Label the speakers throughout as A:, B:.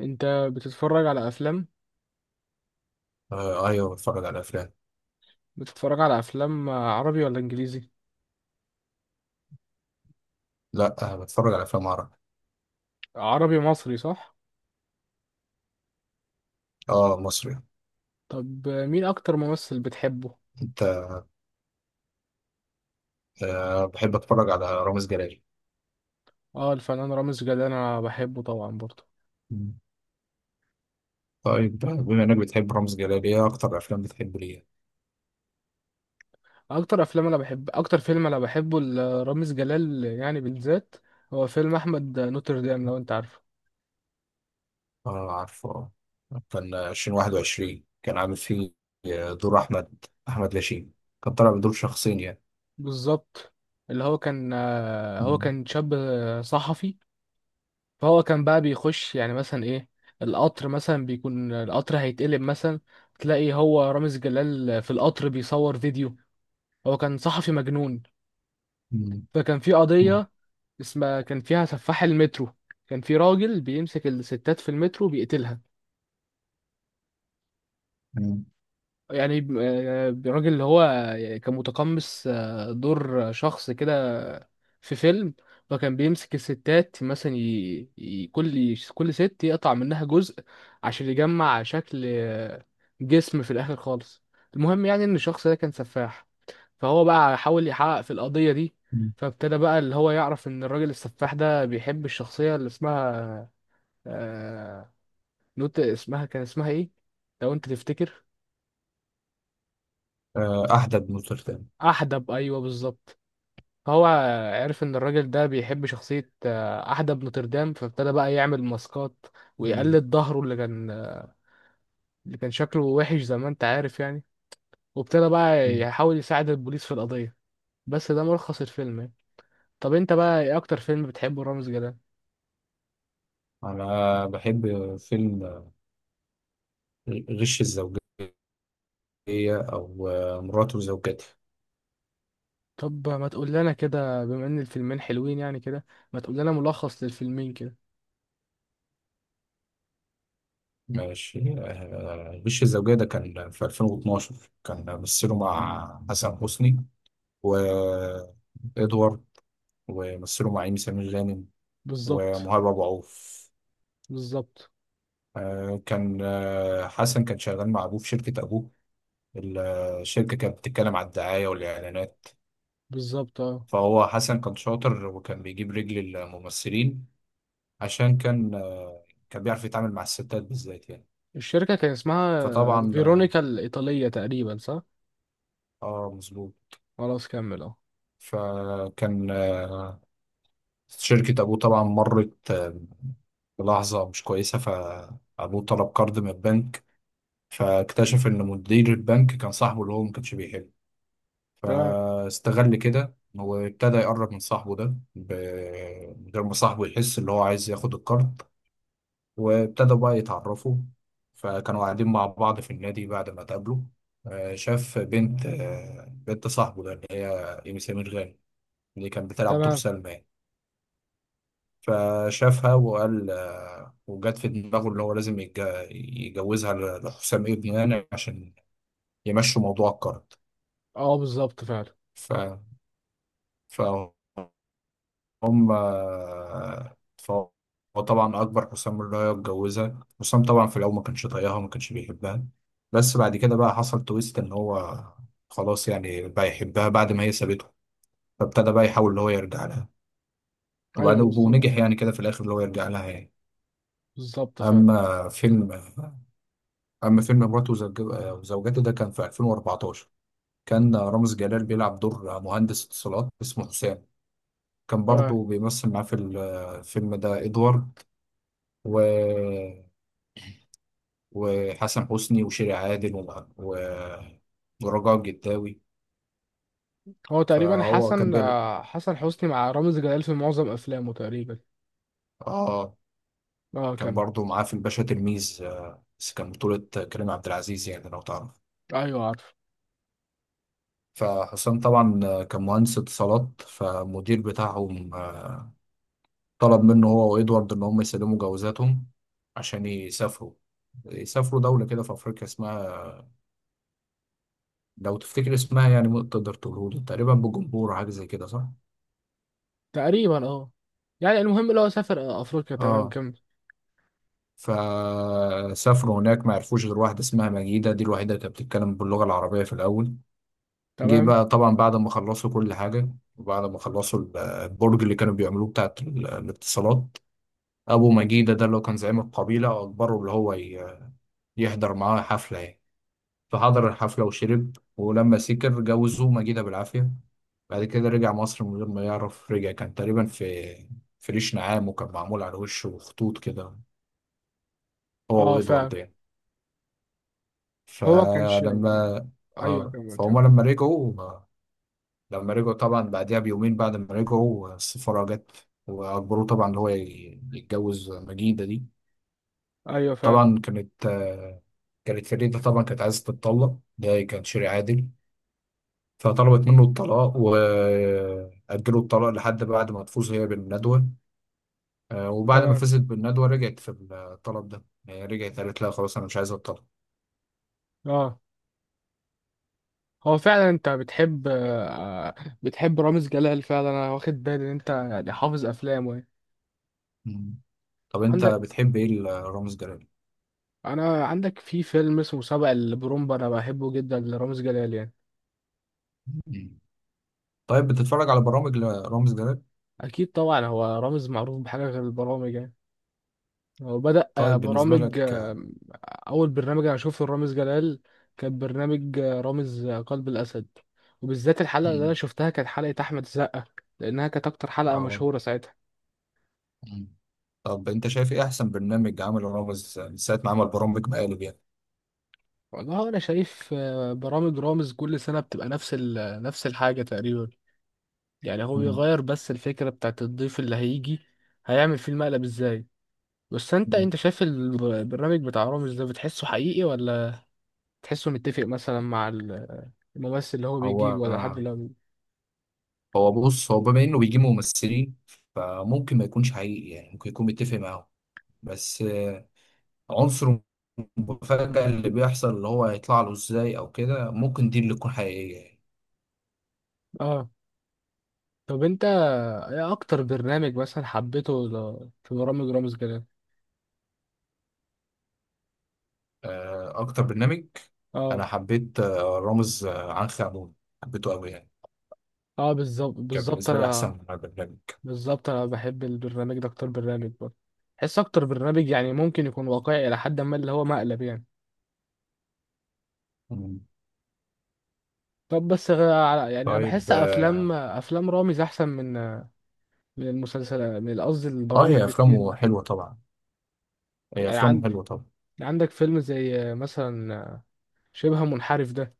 A: انت، بتتفرج على افلام؟
B: آه ايوه، بتفرج على افلام.
A: بتتفرج على افلام عربي ولا انجليزي؟
B: لا، بتفرج على افلام عربي.
A: عربي مصري، صح؟
B: اه مصري.
A: طب مين اكتر ممثل بتحبه؟
B: انت. بحب اتفرج على رامز جلال.
A: اه، الفنان رامز جلال انا بحبه طبعا برضه.
B: مم. طيب، بما انك بتحب رامز جلال، ايه اكتر افلام بتحب ليه؟
A: اكتر فيلم انا بحبه لرامز جلال يعني بالذات، هو فيلم احمد نوتردام، لو انت عارفه.
B: اه عارفه. كان 2021 كان عامل فيه، دور احمد لاشين. كان طالع بدور شخصين يعني.
A: بالظبط. اللي هو كان هو
B: مم.
A: كان شاب صحفي، فهو كان بقى بيخش يعني مثلا ايه القطر، مثلا بيكون القطر هيتقلب، مثلا تلاقي هو رامز جلال في القطر بيصور فيديو. هو كان صحفي مجنون.
B: مم.
A: فكان في
B: مم.
A: قضية اسمها، كان فيها سفاح المترو. كان في راجل بيمسك الستات في المترو بيقتلها،
B: مم.
A: يعني الراجل اللي هو كان متقمص دور شخص كده في فيلم. فكان بيمسك الستات مثلا، كل ست يقطع منها جزء، عشان يجمع شكل جسم في الآخر خالص. المهم يعني إن الشخص ده كان سفاح، فهو بقى حاول يحقق في القضية دي.
B: مم.
A: فابتدى بقى اللي هو يعرف إن الراجل السفاح ده بيحب الشخصية اللي اسمها، آه... نوت، اسمها كان اسمها إيه؟ لو أنت تفتكر.
B: آه احدى بن نوتردام.
A: أحدب، أيوه، بالظبط. فهو عرف ان الراجل ده بيحب شخصية احدب نوتردام، فابتدى بقى يعمل ماسكات
B: مم.
A: ويقلد ظهره اللي كان شكله وحش زي ما انت عارف يعني، وابتدى بقى
B: مم.
A: يحاول يساعد البوليس في القضية. بس ده ملخص الفيلم يعني. طب انت بقى ايه اكتر فيلم بتحبه رامز جلال؟
B: انا بحب فيلم غش الزوجية، هي أو مراته وزوجته.
A: طب ما تقول لنا كده، بما ان الفيلمين حلوين يعني كده، ما تقول لنا ملخص للفيلمين كده.
B: ماشي، وش الزوجية ده كان في 2012. كان مثله مع حسن حسني وإدوارد، ومثله مع إيمي سمير غانم
A: بالظبط،
B: ومهاب أبو عوف.
A: بالظبط،
B: آه، كان آه، حسن كان شغال مع أبوه في شركة أبوه. ال- الشركة كانت بتتكلم على الدعاية والإعلانات.
A: بالظبط، اه.
B: فهو حسن كان شاطر وكان بيجيب رجل الممثلين عشان كان بيعرف يتعامل مع الستات بالذات يعني.
A: الشركة كان اسمها
B: فطبعا آه،
A: فيرونيكا الإيطالية تقريبا، صح؟
B: اه مظبوط.
A: خلاص، كمل، اه.
B: فكان آه، شركة أبوه طبعا مرت بلحظة مش كويسة، فأبوه طلب قرض من البنك. فاكتشف إن مدير البنك كان صاحبه اللي هو ما كانش بيحبه.
A: تمام.
B: فاستغل كده وابتدى يقرب من صاحبه ده من غير ما صاحبه يحس اللي هو عايز ياخد القرض. وابتدوا بقى يتعرفوا. فكانوا قاعدين مع بعض في النادي بعد ما اتقابلوا. شاف بنت، بنت صاحبه ده اللي هي إيمي سمير غانم، اللي كانت بتلعب دور
A: تمام،
B: سلمى يعني. فشافها وقال، وجت في دماغه اللي هو لازم يجوزها لحسام ابنه يعني عشان يمشوا موضوع الكارد.
A: اه، بالظبط فعلا.
B: ف... فهم آه، فهو طبعا أكبر حسام اللي هي اتجوزها، حسام طبعا في الأول ما كانش طايقها وما كانش بيحبها. بس بعد كده بقى حصل تويست إن هو خلاص يعني بقى يحبها بعد ما هي سابته. فابتدى بقى يحاول اللي هو يرجع لها. وبعد
A: ايوه، بالظبط
B: ونجح
A: فعلا.
B: يعني كده في الآخر اللي هو يرجع لها يعني.
A: بالظبط فعلا.
B: أما فيلم أما فيلم مراته وزوجته ده كان في 2014. كان رامز جلال بيلعب دور مهندس اتصالات اسمه حسام. كان
A: تمام.
B: برضه بيمثل معاه في الفيلم ده إدوارد و... وحسن حسني وشيري عادل ورجاء الجداوي.
A: هو تقريبا
B: فهو كان بيل...
A: حسن حسني مع رامز جلال في معظم افلامه تقريبا.
B: آه
A: اه،
B: كان
A: كمل.
B: برضه معاه في الباشا تلميذ، بس كان بطولة كريم عبد العزيز يعني لو تعرف.
A: ايوه عارف.
B: فحسام طبعا كان مهندس اتصالات، فالمدير بتاعهم طلب منه هو وإدوارد إن هم يسلموا جوازاتهم عشان يسافروا دولة كده في أفريقيا اسمها، لو تفتكر اسمها يعني ممكن تقدر تقوله، تقريبا بجمبور أو حاجة زي كده، صح؟
A: تقريبا، اه، يعني المهم اللي هو سافر افريقيا، تمام،
B: اه.
A: كمل.
B: فسافروا هناك، ما عرفوش غير واحدة اسمها مجيدة، دي الوحيدة اللي كانت بتتكلم باللغة العربية في الأول. جه
A: تمام،
B: بقى طبعا بعد ما خلصوا كل حاجة، وبعد ما خلصوا البرج اللي كانوا بيعملوه بتاعت الاتصالات. أبو مجيدة ده اللي هو كان زعيم القبيلة أجبره اللي هو يحضر معاه حفلة يعني. فحضر الحفلة وشرب، ولما سكر جوزوه مجيدة بالعافية. بعد كده رجع مصر من غير ما يعرف، رجع كان تقريبا في ريش نعام وكان معمول على وشه خطوط كده، هو
A: اه فعلا.
B: وإدوارد يعني.
A: هو كانش
B: فلما
A: ايوه،
B: آه
A: كمل،
B: فهما
A: كمل.
B: لما رجعوا لما رجعوا طبعا بعدها بيومين، بعد ما رجعوا السفارة جت وأجبروه طبعا إن هو يتجوز مجيدة دي.
A: ايوه فعلا.
B: طبعا كانت آه، كانت فريدة طبعا كانت عايزة تتطلق، ده كان شيء عادل. فطلبت منه الطلاق وأجلوا الطلاق لحد بعد ما تفوز هي بالندوة. وبعد ما
A: تمام،
B: فزت بالندوة رجعت في الطلب ده يعني، رجعت قالت لا خلاص أنا مش عايزة الطلاق.
A: اه. هو فعلا انت بتحب رامز جلال فعلا، انا واخد بالي ان انت يعني حافظ افلامه يعني.
B: مم. طب أنت
A: عندك
B: بتحب إيه لرامز جلال؟
A: انا عندك في فيلم اسمه سبق البرومبا، انا بحبه جدا لرامز جلال يعني.
B: مم. طيب، بتتفرج على برامج لرامز جلال؟
A: اكيد طبعا، هو رامز معروف بحاجه غير البرامج يعني. هو بدأ
B: طيب بالنسبة
A: برامج،
B: لك.
A: اول برنامج انا شفته لرامز جلال كان برنامج رامز قلب الاسد، وبالذات الحلقه اللي انا
B: مم.
A: شفتها كانت حلقه احمد السقا، لانها كانت اكتر حلقه
B: اه.
A: مشهوره ساعتها.
B: مم. طب أنت شايف إيه أحسن برنامج عمله رامز من ساعة ما عمل برامج مقالب يعني؟
A: والله انا شايف برامج رامز كل سنه بتبقى نفس نفس الحاجه تقريبا، يعني هو
B: مم.
A: بيغير بس الفكره بتاعت الضيف اللي هيجي هيعمل فيه المقلب ازاي. بس انت
B: مم.
A: انت شايف البرنامج بتاع رامز ده، بتحسه حقيقي، ولا تحسه متفق مثلا مع الممثل اللي هو
B: هو
A: بيجيب، ولا حد اللي هو بيجيب؟
B: هو بص، هو بما انه بيجيب ممثلين فممكن ما يكونش حقيقي يعني، ممكن يكون متفق معاهم. بس عنصر المفاجأة اللي بيحصل اللي هو هيطلع له ازاي او كده، ممكن دي اللي تكون حقيقية يعني.
A: اه. طب انت ايه اكتر برنامج مثلا حبيته في برامج رامز جلال؟
B: اكتر برنامج
A: اه.
B: انا حبيت، رامز عنخ عمون، حبيته قوي يعني.
A: اه، بالظبط،
B: كان
A: بالظبط،
B: بالنسبة لي
A: انا
B: احسن برنامج.
A: بحب البرنامج ده اكتر برنامج برضه. بحس اكتر برنامج يعني ممكن يكون واقعي الى حد ما اللي هو مقلب يعني.
B: مم.
A: طب، بس يعني انا
B: طيب
A: بحس
B: اه.
A: افلام رامز احسن من المسلسلات، من قصدي البرامج،
B: هي
A: بكتير
B: افلامه
A: يعني.
B: حلوة طبعا. هي افلامه
A: يعني
B: حلوة طبعا.
A: عندك فيلم زي مثلا شبه منحرف ده،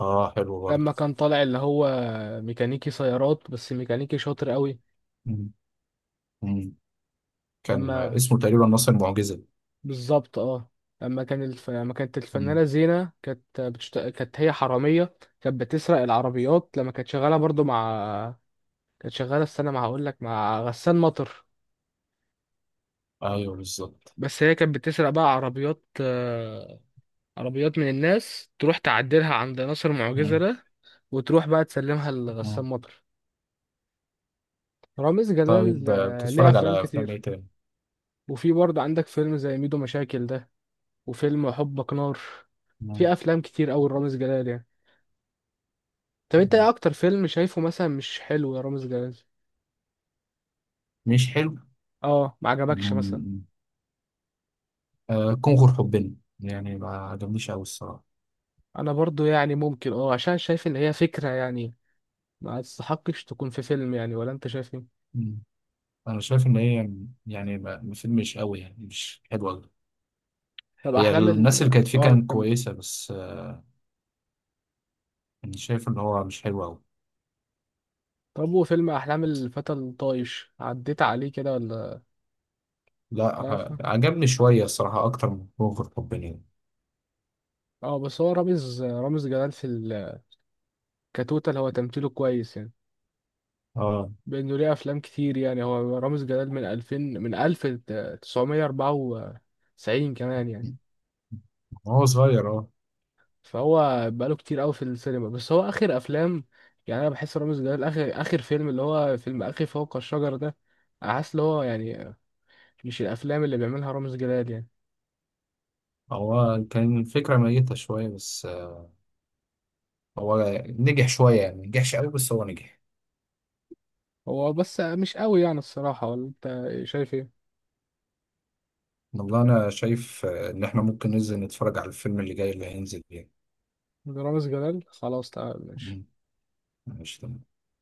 B: اه حلو برضه.
A: لما كان طالع اللي هو ميكانيكي سيارات، بس ميكانيكي شاطر قوي.
B: مم. مم. كان
A: لما
B: اسمه تقريبا ناصر المعجزة.
A: بالظبط، اه، لما كانت الفنانة زينة، كانت كانت هي حرامية، كانت بتسرق العربيات لما كانت شغالة برضو مع كانت شغالة استنى ما هقول لك، مع غسان مطر.
B: ايوه بالظبط.
A: بس هي كانت بتسرق بقى عربيات من الناس، تروح تعدلها عند ناصر معجزة
B: مم.
A: ده، وتروح بقى تسلمها
B: مم.
A: لغسان مطر. رامز جلال
B: طيب،
A: ليه
B: بتتفرج
A: افلام
B: على افلام
A: كتير.
B: ايه تاني؟
A: وفي برضه عندك فيلم زي ميدو مشاكل ده، وفيلم حبك نار.
B: مم.
A: في افلام كتير قوي رامز جلال يعني. طب انت
B: مم.
A: ايه اكتر فيلم شايفه مثلا مش حلو يا رامز جلال؟
B: مش حلو.
A: اه، ما عجبكش مثلا؟
B: مم. آه كونغر حبنا يعني ما عجبنيش قوي الصراحه.
A: انا برضه يعني ممكن، اه، عشان شايف ان هي فكرة يعني ما تستحقش تكون في فيلم، يعني ولا انت شايف ايه؟
B: مم. انا شايف ان هي يعني، فيلم مش قوي يعني مش حلو قوي.
A: طب
B: هي
A: احلام ال
B: الناس اللي كانت فيه
A: اه،
B: كانت
A: كمل.
B: كويسه، بس آه، انا شايف ان هو مش حلو قوي.
A: طب، وفيلم احلام الفتى الطايش عديت عليه كده ولا
B: لا
A: تعرفه؟
B: عجبني شويه الصراحه اكتر من كونغر حبنا يعني.
A: اه، بس هو رامز جلال في الكتوتة اللي هو تمثيله كويس يعني،
B: اه.
A: بانه ليه افلام كتير يعني. هو رامز جلال من 2000، من 1994 كمان يعني،
B: هو صغير اه.
A: فهو بقاله كتير قوي في السينما. بس هو اخر افلام، يعني انا بحس رامز جلال اخر اخر فيلم اللي هو فيلم اخي فوق الشجر ده، حاسس اللي هو يعني مش الافلام اللي بيعملها رامز جلال يعني.
B: هو كان الفكره ميته شويه، بس هو نجح شوية يعني، ما نجحش قوي بس هو نجح.
A: هو بس مش قوي يعني الصراحة، ولا انت شايف ايه؟
B: والله أنا شايف إن إحنا ممكن ننزل نتفرج على الفيلم اللي جاي اللي هينزل يعني.
A: رامز جلال، خلاص، تمام، ماشي.
B: مم. ماشي تمام.